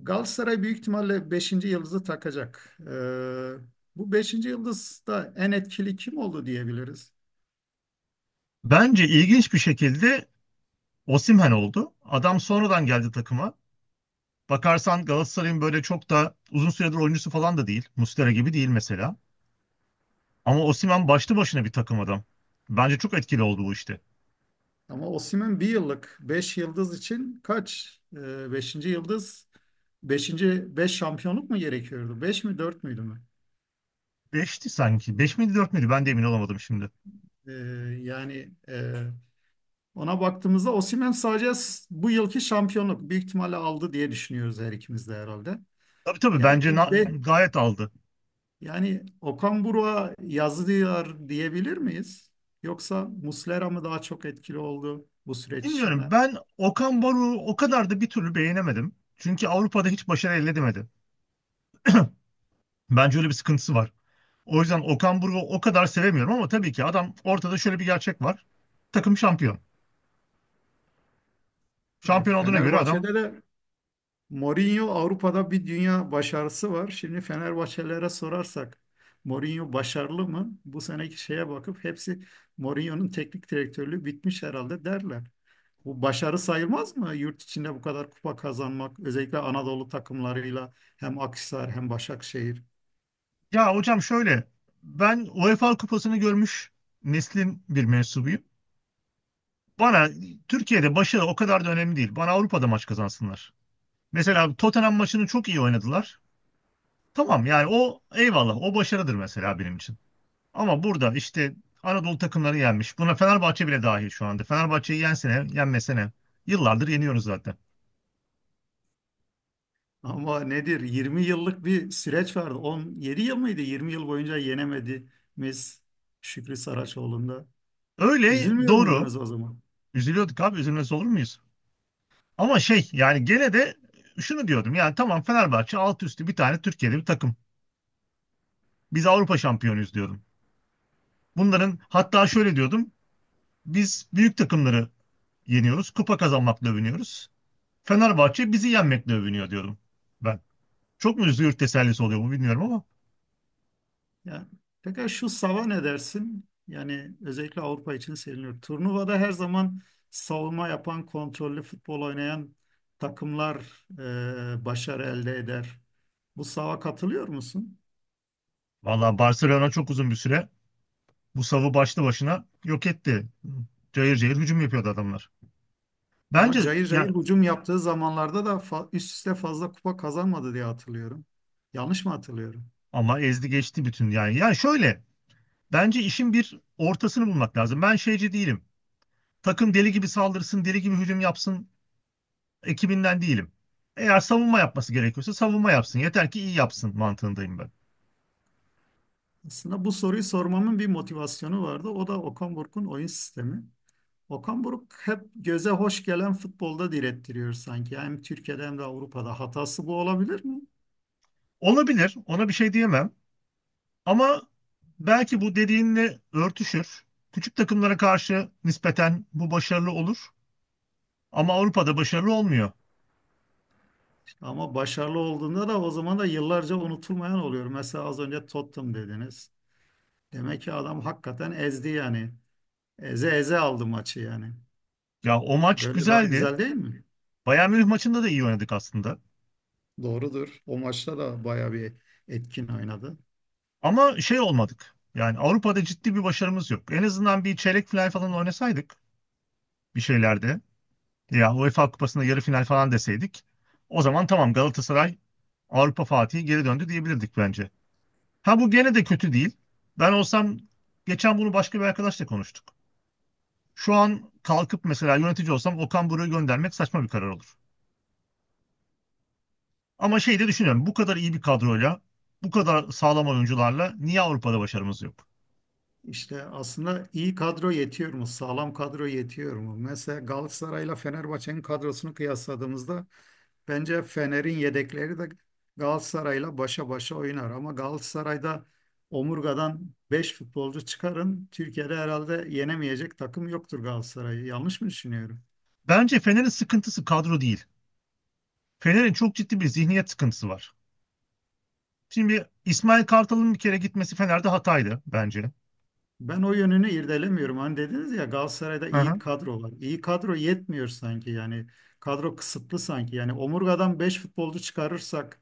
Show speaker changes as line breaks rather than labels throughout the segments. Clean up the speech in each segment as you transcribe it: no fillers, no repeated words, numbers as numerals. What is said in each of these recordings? Galatasaray büyük ihtimalle beşinci yıldızı takacak. Bu beşinci yıldız da en etkili kim oldu diyebiliriz.
Bence ilginç bir şekilde Osimhen oldu. Adam sonradan geldi takıma. Bakarsan Galatasaray'ın böyle çok da uzun süredir oyuncusu falan da değil. Muslera gibi değil mesela. Ama Osimhen başlı başına bir takım adam. Bence çok etkili oldu bu işte.
Ama Osimhen bir yıllık 5 yıldız için kaç? Beşinci yıldız beşinci 5 şampiyonluk mu gerekiyordu? 5 mi 4 müydü mü?
Beşti sanki. Beş miydi dört müydü? Ben de emin olamadım şimdi.
Ee, Yani ona baktığımızda Osimhen sadece bu yılki şampiyonluk büyük ihtimalle aldı diye düşünüyoruz her ikimiz de herhalde.
Tabii tabii
Yani
bence
bu be,
gayet aldı.
Yani Okan Buruk'a yazılıyor diyebilir miyiz? Yoksa Muslera mı daha çok etkili oldu bu süreç
Bilmiyorum,
içinde?
ben Okan Baruk'u o kadar da bir türlü beğenemedim. Çünkü Avrupa'da hiç başarı elde edemedi. Bence öyle bir sıkıntısı var. O yüzden Okan Buruk'u o kadar sevemiyorum ama tabii ki adam ortada, şöyle bir gerçek var. Takım şampiyon. Şampiyon olduğuna göre adam,
Fenerbahçe'de de Mourinho Avrupa'da bir dünya başarısı var. Şimdi Fenerbahçelilere sorarsak Mourinho başarılı mı? Bu seneki şeye bakıp hepsi Mourinho'nun teknik direktörlüğü bitmiş herhalde derler. Bu başarı sayılmaz mı? Yurt içinde bu kadar kupa kazanmak, özellikle Anadolu takımlarıyla hem Akhisar hem Başakşehir.
ya hocam şöyle, ben UEFA kupasını görmüş neslin bir mensubuyum. Bana Türkiye'de başarı o kadar da önemli değil. Bana Avrupa'da maç kazansınlar. Mesela Tottenham maçını çok iyi oynadılar. Tamam yani, o eyvallah, o başarıdır mesela benim için. Ama burada işte Anadolu takımları yenmiş. Buna Fenerbahçe bile dahil şu anda. Fenerbahçe'yi yensene, yenmesene. Yıllardır yeniyoruz zaten.
Ama nedir? 20 yıllık bir süreç vardı. 17 yıl mıydı? 20 yıl boyunca yenemediğimiz Şükrü Saraçoğlu'nda.
Öyle,
Üzülmüyor
doğru.
muydunuz o zaman?
Üzülüyorduk abi, üzülmez olur muyuz? Ama şey yani, gene de şunu diyordum yani, tamam Fenerbahçe alt üstü bir tane Türkiye'de bir takım. Biz Avrupa şampiyonuyuz diyordum. Bunların hatta şöyle diyordum, biz büyük takımları yeniyoruz, kupa kazanmakla övünüyoruz. Fenerbahçe bizi yenmekle övünüyor diyordum ben. Çok mu üzülür, tesellisi oluyor mu bilmiyorum ama
Ya, peki şu sava ne dersin? Yani özellikle Avrupa için seviniyor. Turnuvada her zaman savunma yapan, kontrollü futbol oynayan takımlar başarı elde eder. Bu sava katılıyor musun?
vallahi Barcelona çok uzun bir süre bu savı başlı başına yok etti. Cayır cayır hücum yapıyordu adamlar.
Ama
Bence,
cayır cayır
yani,
hücum yaptığı zamanlarda da üst üste fazla kupa kazanmadı diye hatırlıyorum. Yanlış mı hatırlıyorum?
ama ezdi geçti bütün yani. Yani şöyle, bence işin bir ortasını bulmak lazım. Ben şeyci değilim. Takım deli gibi saldırsın, deli gibi hücum yapsın ekibinden değilim. Eğer savunma yapması gerekiyorsa savunma yapsın. Yeter ki iyi yapsın mantığındayım ben.
Aslında bu soruyu sormamın bir motivasyonu vardı. O da Okan Buruk'un oyun sistemi. Okan Buruk hep göze hoş gelen futbolda direttiriyor sanki. Hem Türkiye'de hem de Avrupa'da. Hatası bu olabilir mi?
Olabilir, ona bir şey diyemem. Ama belki bu dediğinle örtüşür. Küçük takımlara karşı nispeten bu başarılı olur. Ama Avrupa'da başarılı olmuyor.
Ama başarılı olduğunda da o zaman da yıllarca unutulmayan oluyor. Mesela az önce Tottenham dediniz. Demek ki adam hakikaten ezdi yani. Eze eze aldı maçı yani.
Ya o maç
Böyle daha
güzeldi.
güzel değil mi?
Bayern Münih maçında da iyi oynadık aslında.
Doğrudur. O maçta da bayağı bir etkin oynadı.
Ama şey olmadık. Yani Avrupa'da ciddi bir başarımız yok. En azından bir çeyrek final falan oynasaydık, bir şeylerde, ya UEFA Kupası'nda yarı final falan deseydik, o zaman tamam Galatasaray Avrupa Fatih'i geri döndü diyebilirdik bence. Ha, bu gene de kötü değil. Ben olsam, geçen bunu başka bir arkadaşla konuştuk. Şu an kalkıp mesela yönetici olsam Okan Buruk'u göndermek saçma bir karar olur. Ama şey de düşünüyorum, bu kadar iyi bir kadroyla, bu kadar sağlam oyuncularla niye Avrupa'da başarımız yok?
İşte aslında iyi kadro yetiyor mu? Sağlam kadro yetiyor mu? Mesela Galatasaray'la Fenerbahçe'nin kadrosunu kıyasladığımızda bence Fener'in yedekleri de Galatasaray'la başa başa oynar. Ama Galatasaray'da omurgadan 5 futbolcu çıkarın. Türkiye'de herhalde yenemeyecek takım yoktur Galatasaray'ı. Yanlış mı düşünüyorum?
Bence Fener'in sıkıntısı kadro değil. Fener'in çok ciddi bir zihniyet sıkıntısı var. Şimdi İsmail Kartal'ın bir kere gitmesi Fener'de hataydı bence.
Ben o yönünü irdelemiyorum. Hani dediniz ya Galatasaray'da
Hı
iyi
hı.
kadro var. İyi kadro yetmiyor sanki yani. Kadro kısıtlı sanki. Yani omurgadan 5 futbolcu çıkarırsak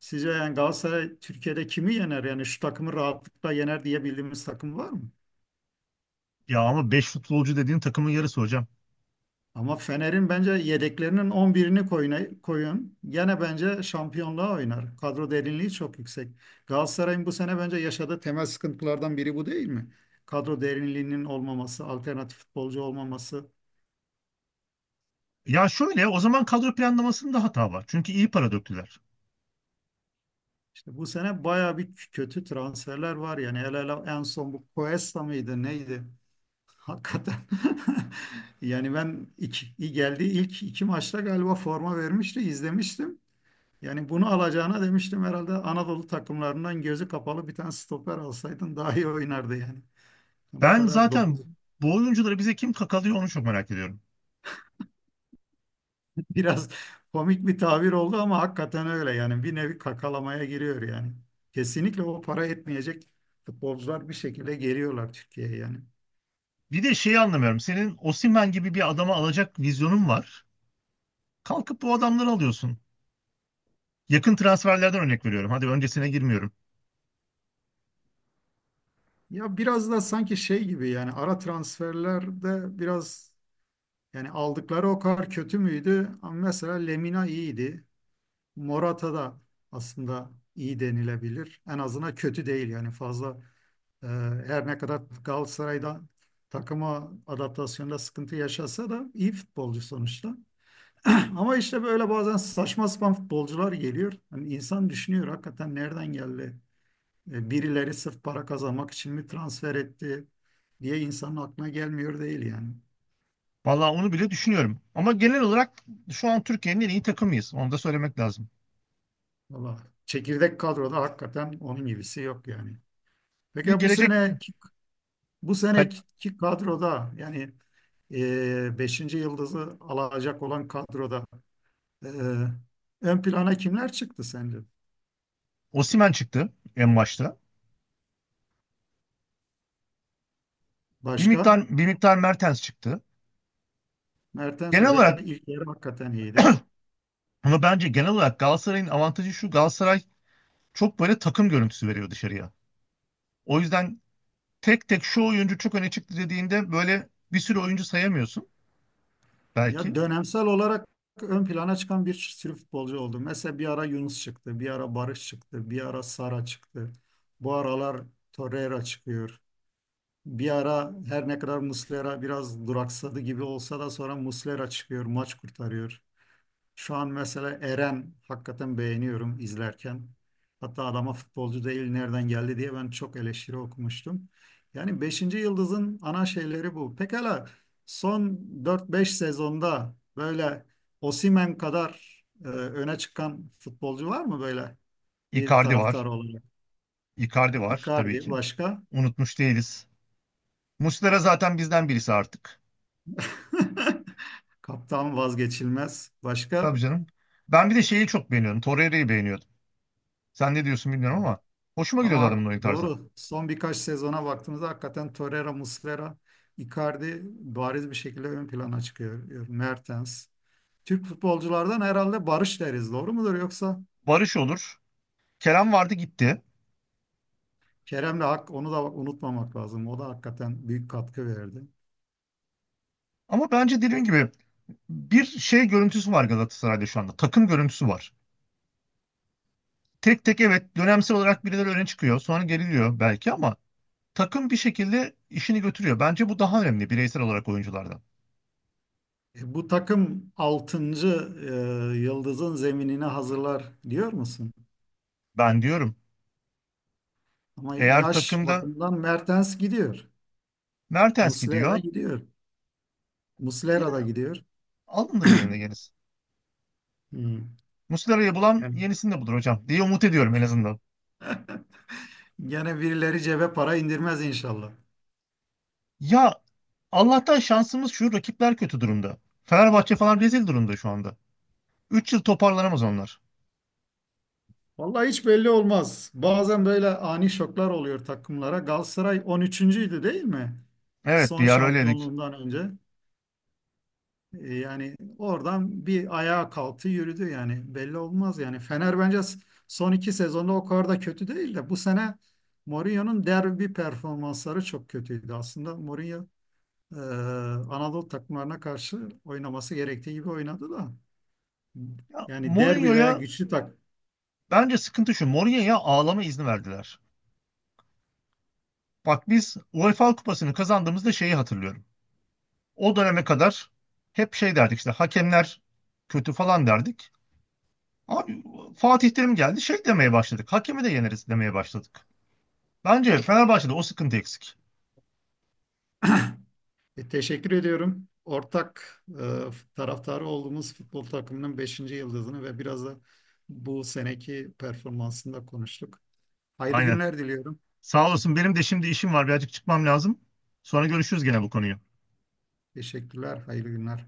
sizce yani Galatasaray Türkiye'de kimi yener? Yani şu takımı rahatlıkla yener diye bildiğimiz takım var mı?
Ya ama 5 futbolcu dediğin takımın yarısı hocam.
Ama Fener'in bence yedeklerinin on birini koyun, koyun. Gene bence şampiyonluğa oynar. Kadro derinliği çok yüksek. Galatasaray'ın bu sene bence yaşadığı temel sıkıntılardan biri bu değil mi? Kadro derinliğinin olmaması, alternatif futbolcu olmaması.
Ya şöyle, o zaman kadro planlamasında hata var. Çünkü iyi para döktüler.
İşte bu sene bayağı bir kötü transferler var yani. El ele en son bu Cuesta mıydı, neydi? Hakikaten. Yani ben geldiği ilk iki maçta galiba forma vermişti, izlemiştim. Yani bunu alacağına demiştim herhalde Anadolu takımlarından gözü kapalı bir tane stoper alsaydın daha iyi oynardı yani. Yani bu
Ben
kadar
zaten
dokuz.
bu oyuncuları bize kim kakalıyor onu çok merak ediyorum.
Biraz komik bir tabir oldu ama hakikaten öyle yani bir nevi kakalamaya giriyor yani. Kesinlikle o para etmeyecek futbolcular bir şekilde geliyorlar Türkiye'ye yani.
Bir de şeyi anlamıyorum. Senin Osimhen gibi bir adama alacak vizyonun var. Kalkıp bu adamları alıyorsun. Yakın transferlerden örnek veriyorum. Hadi öncesine girmiyorum.
Ya biraz da sanki şey gibi yani ara transferlerde biraz yani aldıkları o kadar kötü müydü? Ama mesela Lemina iyiydi. Morata da aslında iyi denilebilir. En azından kötü değil yani fazla. e, Her ne kadar Galatasaray'da takıma adaptasyonda sıkıntı yaşasa da iyi futbolcu sonuçta. Ama işte böyle bazen saçma sapan futbolcular geliyor. Hani insan düşünüyor hakikaten nereden geldi? Birileri sırf para kazanmak için mi transfer etti diye insanın aklına gelmiyor değil yani.
Vallahi onu bile düşünüyorum. Ama genel olarak şu an Türkiye'nin en iyi takımıyız. Onu da söylemek lazım.
Valla çekirdek kadroda hakikaten onun gibisi yok yani.
Bir
Peki bu
gelecek
seneki
Kal-
kadroda yani beşinci yıldızı alacak olan kadroda e, ön plana kimler çıktı sence?
Osimhen çıktı en başta. Bir
Başka?
miktar bir miktar Mertens çıktı.
Mertens
Genel olarak,
özellikle ilk yarı hakikaten iyiydi.
ama bence genel olarak Galatasaray'ın avantajı şu. Galatasaray çok böyle takım görüntüsü veriyor dışarıya. O yüzden tek tek şu oyuncu çok öne çıktı dediğinde böyle bir sürü oyuncu sayamıyorsun.
Ya
Belki.
dönemsel olarak ön plana çıkan bir sürü futbolcu oldu. Mesela bir ara Yunus çıktı, bir ara Barış çıktı, bir ara Sara çıktı. Bu aralar Torreira çıkıyor. Bir ara her ne kadar Muslera biraz duraksadı gibi olsa da sonra Muslera çıkıyor, maç kurtarıyor. Şu an mesela Eren hakikaten beğeniyorum izlerken. Hatta adama futbolcu değil nereden geldi diye ben çok eleştiri okumuştum. Yani beşinci Yıldız'ın ana şeyleri bu. Pekala son dört beş sezonda böyle Osimhen kadar öne çıkan futbolcu var mı böyle bir
Icardi
taraftar
var.
olarak?
Icardi var tabii
Icardi
ki.
başka?
Unutmuş değiliz. Muslera zaten bizden birisi artık.
Kaptan vazgeçilmez. Başka?
Tabii canım. Ben bir de şeyi çok beğeniyorum. Torreira'yı beğeniyordum. Sen ne diyorsun bilmiyorum ama hoşuma
Ama
gidiyordu adamın oyun tarzı.
doğru. Son birkaç sezona baktığımızda hakikaten Torreira, Muslera, Icardi bariz bir şekilde ön plana çıkıyor. Mertens. Türk futbolculardan herhalde Barış deriz. Doğru mudur? Yoksa
Barış olur. Kerem vardı, gitti.
Kerem'le hak onu da unutmamak lazım. O da hakikaten büyük katkı verdi.
Ama bence dediğim gibi bir şey görüntüsü var Galatasaray'da şu anda. Takım görüntüsü var. Tek tek evet, dönemsel olarak birileri öne çıkıyor sonra geriliyor belki, ama takım bir şekilde işini götürüyor. Bence bu daha önemli bireysel olarak oyunculardan.
Bu takım 6. yıldızın zeminini hazırlar diyor musun?
Ben diyorum,
Ama
eğer
yaş
takımda
bakımından Mertens gidiyor.
Mertens
Muslera
gidiyor,
gidiyor.
yine
Muslera da gidiyor.
alınır yerine yenisi.
Hmm.
Muslera'yı bulan
Yani
yenisini de bulur hocam diye umut ediyorum en azından.
gene birileri cebe para indirmez inşallah.
Ya Allah'tan şansımız şu, rakipler kötü durumda. Fenerbahçe falan rezil durumda şu anda. 3 yıl toparlanamaz onlar.
Vallahi hiç belli olmaz. Bazen böyle ani şoklar oluyor takımlara. Galatasaray 13.'üydü değil mi?
Evet, bir
Son
yer öyleydik.
şampiyonluğundan önce. Yani oradan bir ayağa kalktı yürüdü yani. Belli olmaz yani. Fener bence son iki sezonda o kadar da kötü değil de bu sene Mourinho'nun derbi performansları çok kötüydü aslında. Mourinho e, Anadolu takımlarına karşı oynaması gerektiği gibi oynadı da.
Ya
Yani derbi
Mourinho'ya,
veya güçlü.
bence sıkıntı şu, Mourinho'ya ağlama izni verdiler. Bak biz UEFA Kupası'nı kazandığımızda şeyi hatırlıyorum. O döneme kadar hep şey derdik, işte hakemler kötü falan derdik. Abi, Fatih Terim geldi şey demeye başladık. Hakemi de yeneriz demeye başladık. Bence Fenerbahçe'de o sıkıntı eksik.
Teşekkür ediyorum. Ortak taraftarı olduğumuz futbol takımının beşinci yıldızını ve biraz da bu seneki performansını da konuştuk. Hayırlı
Aynen.
günler diliyorum.
Sağ olasın, benim de şimdi işim var, birazcık çıkmam lazım. Sonra görüşürüz gene bu konuyu.
Teşekkürler, hayırlı günler.